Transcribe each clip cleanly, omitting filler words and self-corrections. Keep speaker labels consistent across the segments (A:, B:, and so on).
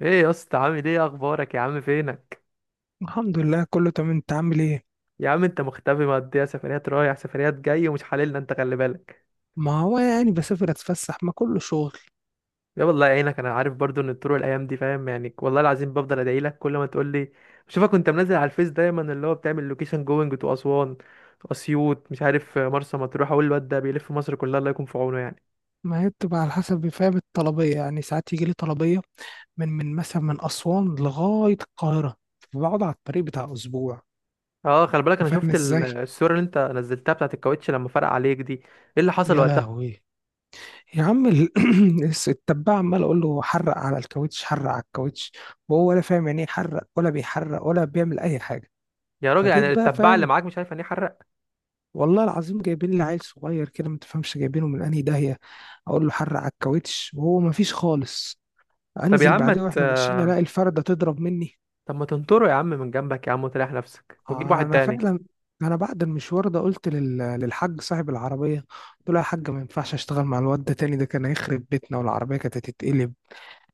A: ايه يا اسطى، عامل ايه؟ اخبارك يا عم، فينك؟
B: الحمد لله كله تمام، انت عامل ايه؟
A: يا عم انت مختفي، مقضيها سفريات رايح سفريات جاي، ومش حللنا انت، خلي بالك.
B: ما هو يعني بسافر اتفسح، ما كله شغل.
A: يا والله يعينك، انا عارف برضو ان الطرق الايام دي، فاهم يعني، والله العظيم بفضل ادعي لك كل ما تقول لي بشوفك وانت منزل على الفيس دايما، اللي هو بتعمل لوكيشن جوينج تو اسوان، اسيوط، مش عارف، مرسى مطروح. اقول الواد ده بيلف مصر كلها، الله يكون في عونه يعني.
B: ما هي بتبقى على حسب، فاهم؟ الطلبية يعني ساعات يجي لي طلبية من مثلا من أسوان لغاية القاهرة، فبقعد على الطريق بتاع أسبوع.
A: اه خلي بالك،
B: أنت
A: انا
B: فاهم
A: شفت
B: ازاي؟
A: الصوره اللي انت نزلتها بتاعت الكاوتش، لما فرق عليك دي ايه اللي حصل
B: يا
A: وقتها؟
B: لهوي. يا عم ال- التبع عمال أقول له حرق على الكاوتش، حرق على الكاوتش، وهو ولا فاهم يعني ايه حرق، ولا بيحرق ولا بيعمل أي حاجة.
A: يا راجل
B: فجيت
A: يعني
B: بقى،
A: التبع اللي
B: فاهم؟
A: معاك مش عارف يعني إيه حرق؟
B: والله العظيم جايبين لي عيل صغير كده ما تفهمش، جايبينه من انهي داهيه. اقول له حر على الكاوتش وهو ما فيش خالص.
A: طب يا
B: انزل
A: عم ما
B: بعدها واحنا ماشيين
A: ت-
B: الاقي الفرده تضرب مني.
A: طب ما تنطره يا عم من جنبك يا عم، وتريح نفسك، وتجيب واحد
B: انا
A: تاني.
B: فعلا، انا بعد المشوار ده قلت للحاج صاحب العربيه، قلت له يا حاج ما ينفعش اشتغل مع الواد ده تاني، ده كان هيخرب بيتنا والعربيه كانت هتتقلب.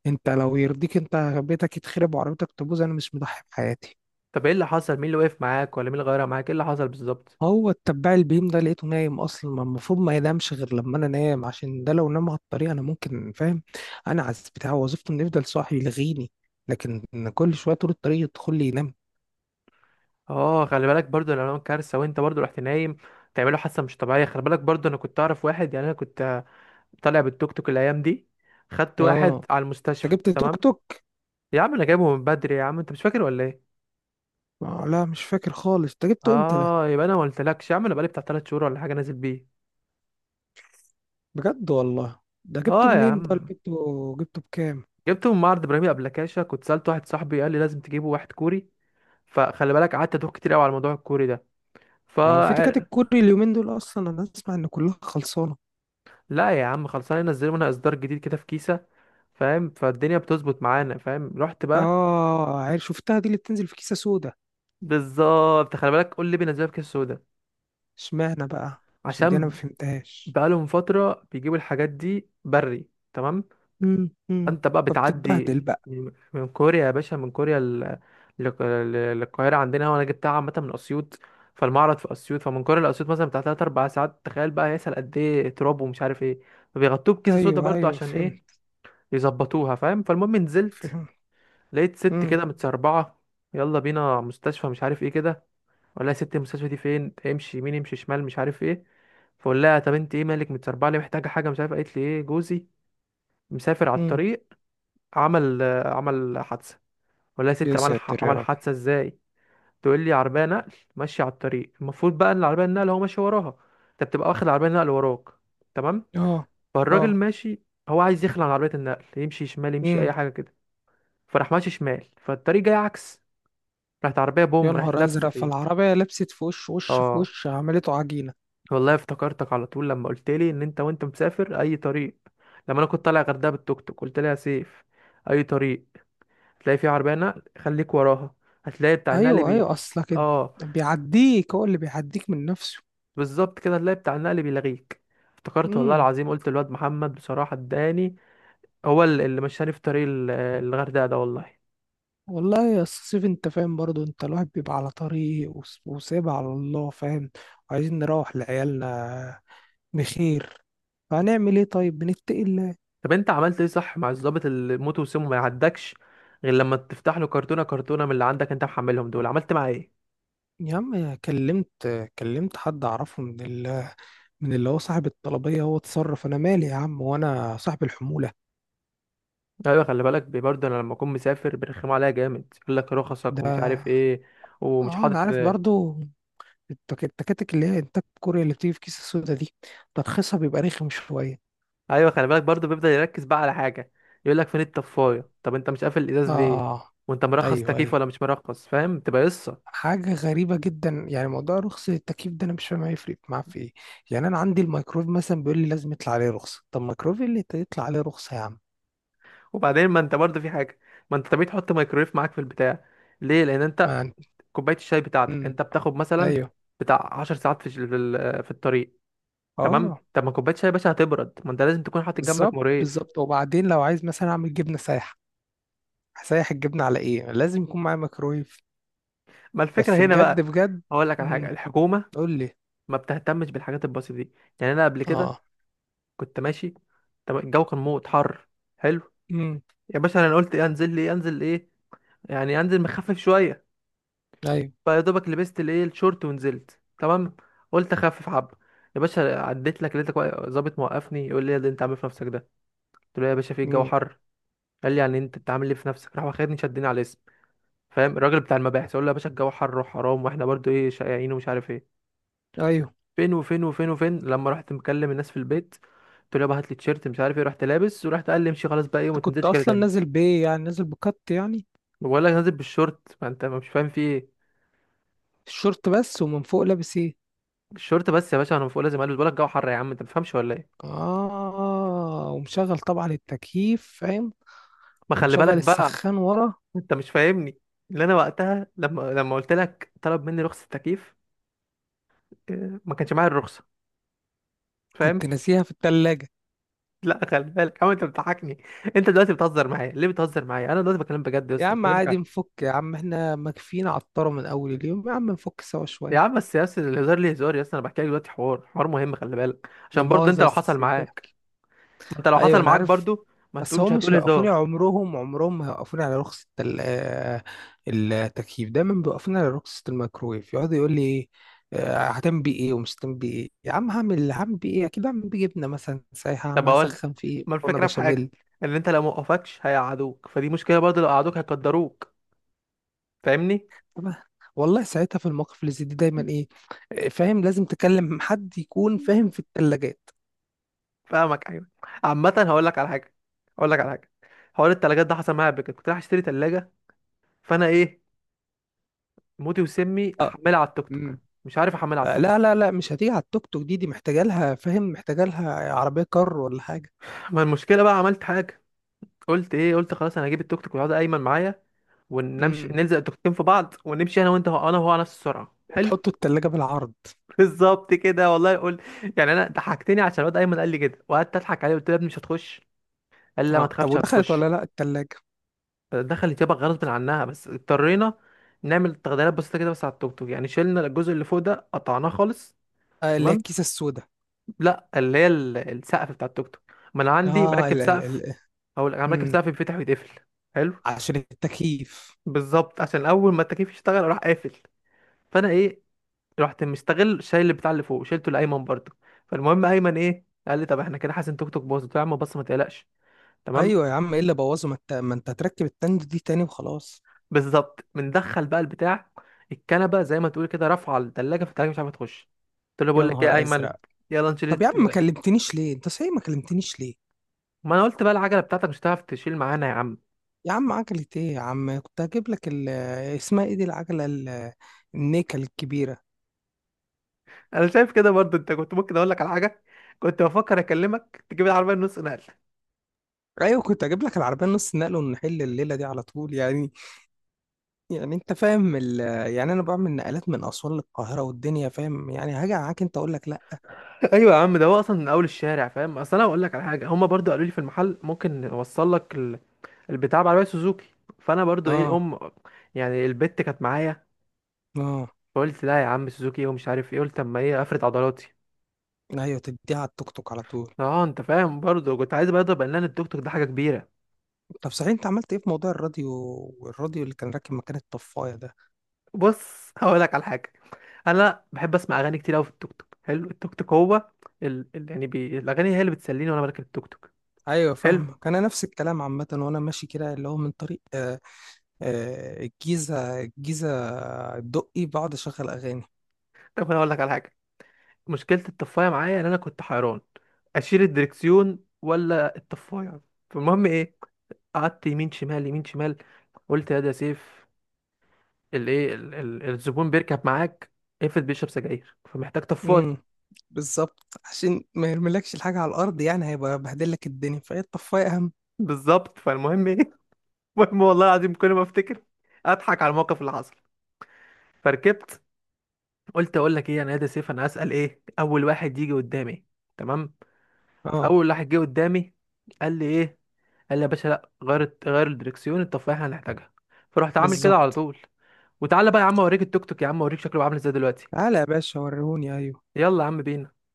B: انت لو يرضيك انت بيتك يتخرب وعربيتك تبوظ، انا مش مضحي بحياتي.
A: طب ايه اللي حصل؟ مين اللي وقف معاك؟ ولا مين اللي غيرها معاك؟ ايه اللي حصل بالظبط؟
B: هو التبع البيم ده لقيته نايم اصلا، ما المفروض ما ينامش غير لما انا نام، عشان ده لو نام على الطريق انا ممكن، فاهم؟ انا عز بتاع وظيفته انه يفضل صاحي يلغيني، لكن كل شويه طول الطريق يدخل لي ينام.
A: اه خلي بالك برضو، لو كارثه وانت برضو رحت نايم تعمله حادثه مش طبيعيه. خلي بالك برضو، انا كنت اعرف واحد، يعني انا كنت طالع بالتوك توك الايام دي، خدت واحد
B: اه،
A: على
B: انت
A: المستشفى،
B: جبت توك
A: تمام؟
B: توك؟
A: يا عم انا جايبه من بدري يا عم، انت مش فاكر ولا ايه؟
B: آه، لا مش فاكر خالص، انت جبته امتى ده؟
A: اه، يبقى انا ما قلتلكش يا عم، انا بقالي بتاع 3 شهور ولا حاجه نازل بيه.
B: بجد والله؟ ده جبته
A: اه يا
B: منين ده؟ ولا
A: عم،
B: جبته، جبته بكام؟
A: جبته من معرض ابراهيم ابلكاشة، كنت سألت واحد صاحبي قال لي لازم تجيبه واحد كوري، فخلي بالك قعدت ادوخ كتير قوي على الموضوع الكوري ده. ف
B: هو في تكاتك كوري اليومين دول اصلا؟ انا اسمع ان كلها خلصانه.
A: لا يا عم، خلصانه، ينزلوا لنا اصدار جديد كده في كيسه، فاهم؟ فالدنيا بتظبط معانا، فاهم، رحت بقى.
B: اه عارف، شفتها دي اللي بتنزل في كيسه سودا.
A: بالظبط، خلي بالك، قول لي بينزلوها في كيسه سودا
B: اشمعنى بقى؟ عشان دي انا ما
A: عشان؟
B: فهمتهاش.
A: بقالهم فتره بيجيبوا الحاجات دي بري، تمام؟
B: مم، مم.
A: انت بقى بتعدي
B: فبتتبهدل بقى.
A: من كوريا يا باشا، من كوريا للقاهره عندنا، وانا جبتها عامه من اسيوط، فالمعرض في اسيوط، فمن كوريا لاسيوط مثلا بتاع 3 4 ساعات، تخيل بقى هيسأل قد ايه تراب ومش عارف ايه. فبيغطوه بكيسه سودا
B: ايوه
A: برضو
B: ايوه،
A: عشان ايه؟
B: فهمت.
A: يظبطوها، فاهم؟ فالمهم نزلت،
B: فهمت.
A: لقيت ست
B: مم،
A: كده متسربعه: يلا بينا مستشفى، مش عارف ايه كده. ولا يا ست المستشفى دي فين؟ امشي يمين، امشي شمال، مش عارف ايه. فقول لها طب انت ايه مالك متسربعه ليه؟ محتاجه حاجه؟ مش عارف. قالت لي ايه، جوزي مسافر على
B: مم.
A: الطريق، عمل عمل حادثه. ولا يا ست
B: يا
A: عمل
B: ساتر يا
A: عمل
B: رب.
A: حادثه ازاي؟ تقول لي عربيه نقل ماشيه على الطريق، المفروض بقى ان العربيه النقل هو ماشي وراها، انت بتبقى واخد العربيه النقل وراك، تمام؟
B: اه.
A: فالراجل
B: اه.
A: ماشي، هو عايز يخلع عن عربيه النقل، يمشي شمال يمشي
B: مم.
A: اي حاجه كده، فراح ماشي شمال، فالطريق جاي عكس، راحت عربية
B: يا
A: بوم، راحت
B: نهار
A: لابسة
B: ازرق،
A: فيه.
B: فالعربيه لبست في وش، وش في
A: اه
B: وش عملته عجينه.
A: والله افتكرتك على طول لما قلت لي ان انت وانت مسافر اي طريق. لما انا كنت طالع غردقة بالتوك توك قلت لها يا سيف، اي طريق هتلاقي فيه عربية نقل، خليك وراها، هتلاقي بتاع النقل
B: ايوه ايوه،
A: بي…
B: اصلك انت
A: اه
B: بيعديك، هو اللي بيعديك من نفسه.
A: بالظبط كده، هتلاقي بتاع النقل بيلغيك. افتكرت والله
B: امم.
A: العظيم، قلت الواد محمد بصراحة اداني، هو اللي مشاني في طريق الغردقة ده والله.
B: والله يا أستاذ سيف انت فاهم برضو، انت الواحد بيبقى على طريق وسايبها على الله، فاهم؟ وعايزين نروح لعيالنا بخير. فهنعمل ايه طيب، بنتقي.
A: طب انت عملت ايه؟ صح، مع الضابط اللي موته وسمه ما يعدكش غير لما تفتح له كرتونه كرتونه من اللي عندك انت محملهم دول، عملت معاه ايه؟
B: يا عم كلمت، كلمت حد اعرفه من اللي هو صاحب الطلبيه، هو اتصرف. انا مالي يا عم، وانا صاحب الحموله
A: ايوه خلي بالك برضه انا لما اكون مسافر بيرخموا عليا جامد، يقول لك رخصك ومش
B: ده.
A: عارف ايه، ومش
B: اه انا
A: حاطط.
B: عارف برضو، التكاتك اللي هي انتاج كوريا اللي بتيجي في كيس السودا دي ترخيصها بيبقى رخم شويه.
A: ايوه خلي بالك برضه، بيفضل يركز بقى على حاجه، يقول لك فين الطفايه، طب انت مش قافل الازاز ليه،
B: اه.
A: وانت مرخص
B: ايوه
A: تكييف
B: ايوه.
A: ولا مش مرخص، فاهم؟ تبقى قصه.
B: حاجه غريبه جدا يعني موضوع رخص التكييف ده، انا مش فاهم هيفرق معاه في ايه. يعني انا عندي الميكرويف مثلا بيقول لي لازم يطلع عليه رخصه، طب الميكرويف إيه اللي يطلع عليه رخصه يا عم؟
A: وبعدين ما انت برضه في حاجه، ما انت طبيعي تحط ميكرويف معاك في البتاع. ليه؟ لان انت
B: ما أنت-
A: كوبايه الشاي بتاعتك
B: مم.
A: انت بتاخد مثلا
B: ايوه.
A: بتاع 10 ساعات في الطريق، تمام؟
B: اه.
A: طب ما كوبايه شاي يا باشا هتبرد، ما انت لازم تكون حاطط جنبك
B: بالظبط
A: مريف.
B: بالظبط، وبعدين لو عايز مثلا اعمل جبنه سايحه هسيح الجبنه على ايه؟ لازم يكون معايا ميكرويف.
A: ما الفكره
B: بس
A: هنا
B: بجد
A: بقى،
B: بجد.
A: هقول لك على حاجه:
B: امم.
A: الحكومه
B: قول لي.
A: ما بتهتمش بالحاجات البسيطه دي. يعني انا قبل كده
B: اه.
A: كنت ماشي، طب الجو كان موت حر، حلو.
B: امم.
A: يا باشا انا قلت ايه، انزل لي ايه انزل ايه، يعني انزل مخفف شويه،
B: ايوه.
A: فيا دوبك لبست الايه الشورت ونزلت، تمام؟ قلت اخفف حبه. يا باشا عديت لك لقيتك ظابط موقفني، يقول لي إيه اللي انت عامل إيه في نفسك ده؟ قلت له يا باشا في الجو
B: امم.
A: حر. قال لي يعني انت انت عامل ايه في نفسك؟ راح واخدني شدني على الاسم، فاهم الراجل بتاع المباحث، اقول له يا باشا الجو حر وحرام، واحنا برضو ايه شقيانين ومش عارف ايه،
B: ايوه.
A: فين وفين وفين وفين. لما رحت مكلم الناس في البيت قلت له يابا هات لي تيشيرت مش عارف ايه، رحت لابس ورحت، قال لي امشي خلاص بقى ايه،
B: انت
A: وما
B: كنت
A: تنزلش كده
B: اصلا
A: تاني.
B: نازل بايه؟ يعني نازل بكت يعني؟
A: بقول لك نازل بالشورت، ما انت مش فاهم في ايه.
B: الشورت بس؟ ومن فوق لابس ايه؟
A: بالشورت بس يا باشا، انا فوق لازم البس، بقول لك الجو حر يا عم، انت ما بتفهمش ولا ايه؟
B: اه، ومشغل طبعا التكييف، فاهم؟
A: ما خلي
B: ومشغل
A: بالك بقى.
B: السخان ورا.
A: انت مش فاهمني، اللي انا وقتها، لما قلت لك طلب مني رخصه تكييف، اه، ما كانش معايا الرخصه، فاهم؟
B: كنت ناسيها في التلاجة.
A: لا خلي بالك عم، انت بتضحكني. انت دلوقتي بتهزر معايا ليه؟ بتهزر معايا، انا دلوقتي بكلم بجد يا
B: يا
A: اسطى،
B: عم
A: بكلمك عن…
B: عادي نفك يا عم، احنا مكفينا عطارة من اول اليوم، يا عم نفك سوا
A: يا عم
B: شوية.
A: بس يا اسطى، الهزار ليه؟ هزار يا اسطى؟ انا بحكي لك دلوقتي حوار، حوار مهم، خلي بالك
B: لا
A: عشان برضه
B: مؤاخذة
A: انت
B: يا
A: لو
B: أستاذ
A: حصل
B: سيف.
A: معاك، ما انت لو
B: ايوه
A: حصل
B: انا
A: معاك
B: عارف.
A: برضه ما
B: بس
A: تقولش
B: هم مش
A: هتقول
B: هيوقفوني،
A: هزار.
B: عمرهم عمرهم ما هيوقفوني على رخصة ال- آه، التكييف، دايما بيوقفوني على رخصة الميكرويف. يقعد يقول لي إيه، آه، هتعمل بيه ايه ومش هتعمل بيه ايه؟ يا عم هعمل بيه ايه؟ اكيد هعمل بيه جبنة مثلا سايحة،
A: طب
B: هعمل
A: اقول لك،
B: اسخن فيه
A: ما
B: مكرونة
A: الفكره في حاجه،
B: بشاميل.
A: ان انت لو ما وقفكش هيقعدوك، فدي مشكله برضه، لو قعدوك هيقدروك، فاهمني؟
B: طب والله ساعتها في المواقف اللي زي دي دايما ايه، آه، فاهم، لازم تكلم حد يكون فاهم في الثلاجات.
A: فاهمك، ايوه. عامه هقول لك على حاجه، هقول لك على حاجه: حوار التلاجات ده حصل معايا قبل كده، كنت رايح اشتري تلاجه، فانا ايه، موتي وسمي
B: اه.
A: احملها على التوك توك،
B: امم.
A: مش عارف احملها على
B: آه،
A: التوك.
B: لا لا لا، مش هتيجي على التوك توك دي، دي محتاجه لها، فاهم؟ محتاجه لها عربيه كار ولا حاجه.
A: ما المشكله بقى، عملت حاجه، قلت ايه؟ قلت خلاص انا هجيب التوك توك ويقعد ايمن معايا، ونمشي
B: امم.
A: نلزق التوكتين في بعض، ونمشي انا وانت، انا وهو، على نفس السرعه، حلو.
B: وتحطه التلاجة بالعرض.
A: بالظبط كده والله، قول. يعني انا ضحكتني عشان الواد ايمن قال لي كده، وقعدت اضحك عليه قلت له يا ابني مش هتخش، قال لي لا ما
B: اه، طب
A: تخافش
B: ودخلت ولا
A: هتخش.
B: لا التلاجة؟
A: دخلت يابا غصب عنها، بس اضطرينا نعمل تغييرات بسيطه كده بس على التوك توك، يعني شلنا الجزء اللي فوق ده، قطعناه خالص.
B: آه، اللي هي
A: تمام.
B: الكيسة السوداء.
A: لا اللي هي السقف بتاع التوك توك، ما انا عندي
B: اه
A: مركب
B: ال ال
A: سقف،
B: ال
A: او انا مركب
B: مم.
A: سقف بيتفتح ويتقفل، حلو.
B: عشان التكييف.
A: بالظبط، عشان اول ما التكييف يشتغل راح قافل، فانا ايه رحت مستغل شايل بتاع اللي فوق، شيلته لايمن برضه. فالمهم ايمن ايه قال لي، طب احنا كده حاسس ان توك توك باظ، قلت له يا عم بص ما تقلقش، تمام؟
B: ايوه يا عم، ايه اللي بوظه، ما انت ما انت هتركب التند دي تاني وخلاص.
A: بالظبط، بندخل بقى البتاع، الكنبه زي ما تقول كده رافعه الثلاجه، فالثلاجه مش عارفه تخش، قلت له
B: يا
A: بقول لك ايه يا
B: نهار
A: ايمن،
B: ازرق.
A: يلا نشيل
B: طب يا عم ما كلمتنيش ليه؟ انت صحيح ما كلمتنيش ليه؟
A: ما انا قلت بقى العجله بتاعتك مش هتعرف تشيل معانا يا عم.
B: يا عم عجلة ايه يا عم، كنت هجيب لك ال-، اسمها ايه دي، العجلة ال- النيكل الكبيرة.
A: انا شايف كده برضه، انت كنت ممكن اقول لك على حاجه، كنت بفكر اكلمك تجيب العربيه النص نقل.
B: ايوه، كنت هجيب لك العربية نص نقل ونحل الليلة دي على طول يعني. يعني انت فاهم ال... يعني انا بعمل نقلات من اسوان للقاهره والدنيا، فاهم يعني، هاجي معاك انت اقول لك لا؟
A: ايوه يا عم، ده هو اصلا من اول الشارع، فاهم؟ اصل انا اقول لك على حاجه، هما برضو قالوا لي في المحل ممكن نوصل لك البتاع بعربيه سوزوكي، فانا برضو ايه
B: اه.
A: الام، يعني البت كانت معايا،
B: اه.
A: فقلت لا يا عم، سوزوكي إيه ومش عارف ايه، قلت اما ايه افرد عضلاتي.
B: ايوه، تديها على التوك توك على طول.
A: اه انت فاهم برضو، كنت عايز بقى اضرب اعلان التوك توك ده حاجه كبيره.
B: طب صحيح انت عملت ايه في موضوع الراديو، والراديو اللي كان راكب مكان الطفايه ده؟
A: بص هقول لك على حاجه: انا بحب اسمع اغاني كتير قوي في التوك توك، حلو، التوك توك هو الاغاني هي اللي بتسليني وانا بركب التوك توك،
B: ايوه
A: حلو.
B: فاهمك، انا نفس الكلام عامه وانا ماشي كده، اللي هو من طريق الجيزه، الجيزه الدقي، بقعد اشغل اغاني.
A: طب انا اقول لك على حاجه، مشكلة الطفاية معايا ان انا كنت حيران اشيل الدركسيون ولا الطفاية. فالمهم ايه، قعدت يمين شمال يمين شمال، قلت يا ده يا سيف، الايه الزبون بيركب معاك افرض بيشرب سجاير فمحتاج طفاية.
B: امم. بالظبط، عشان ما يرملكش الحاجه على الارض، يعني هيبقى بهدلك الدنيا، فهي الطفايه اهم.
A: بالظبط. فالمهم ايه المهم والله العظيم كل ما افتكر اضحك على الموقف اللي حصل. فركبت، قلت اقول لك ايه انا يا ده سيف، انا هسأل ايه اول واحد يجي قدامي، تمام؟
B: اه
A: فاول واحد جه قدامي قال لي ايه؟ قال لي يا باشا لا، غير غير الدركسيون التفاحه هنحتاجها، فرحت عامل كده على
B: بالظبط.
A: طول. وتعالى بقى يا عم اوريك التوك توك، يا عم اوريك شكله عامل ازاي دلوقتي،
B: تعالى يا باشا وريهوني. ايوه.
A: يلا يا عم بينا.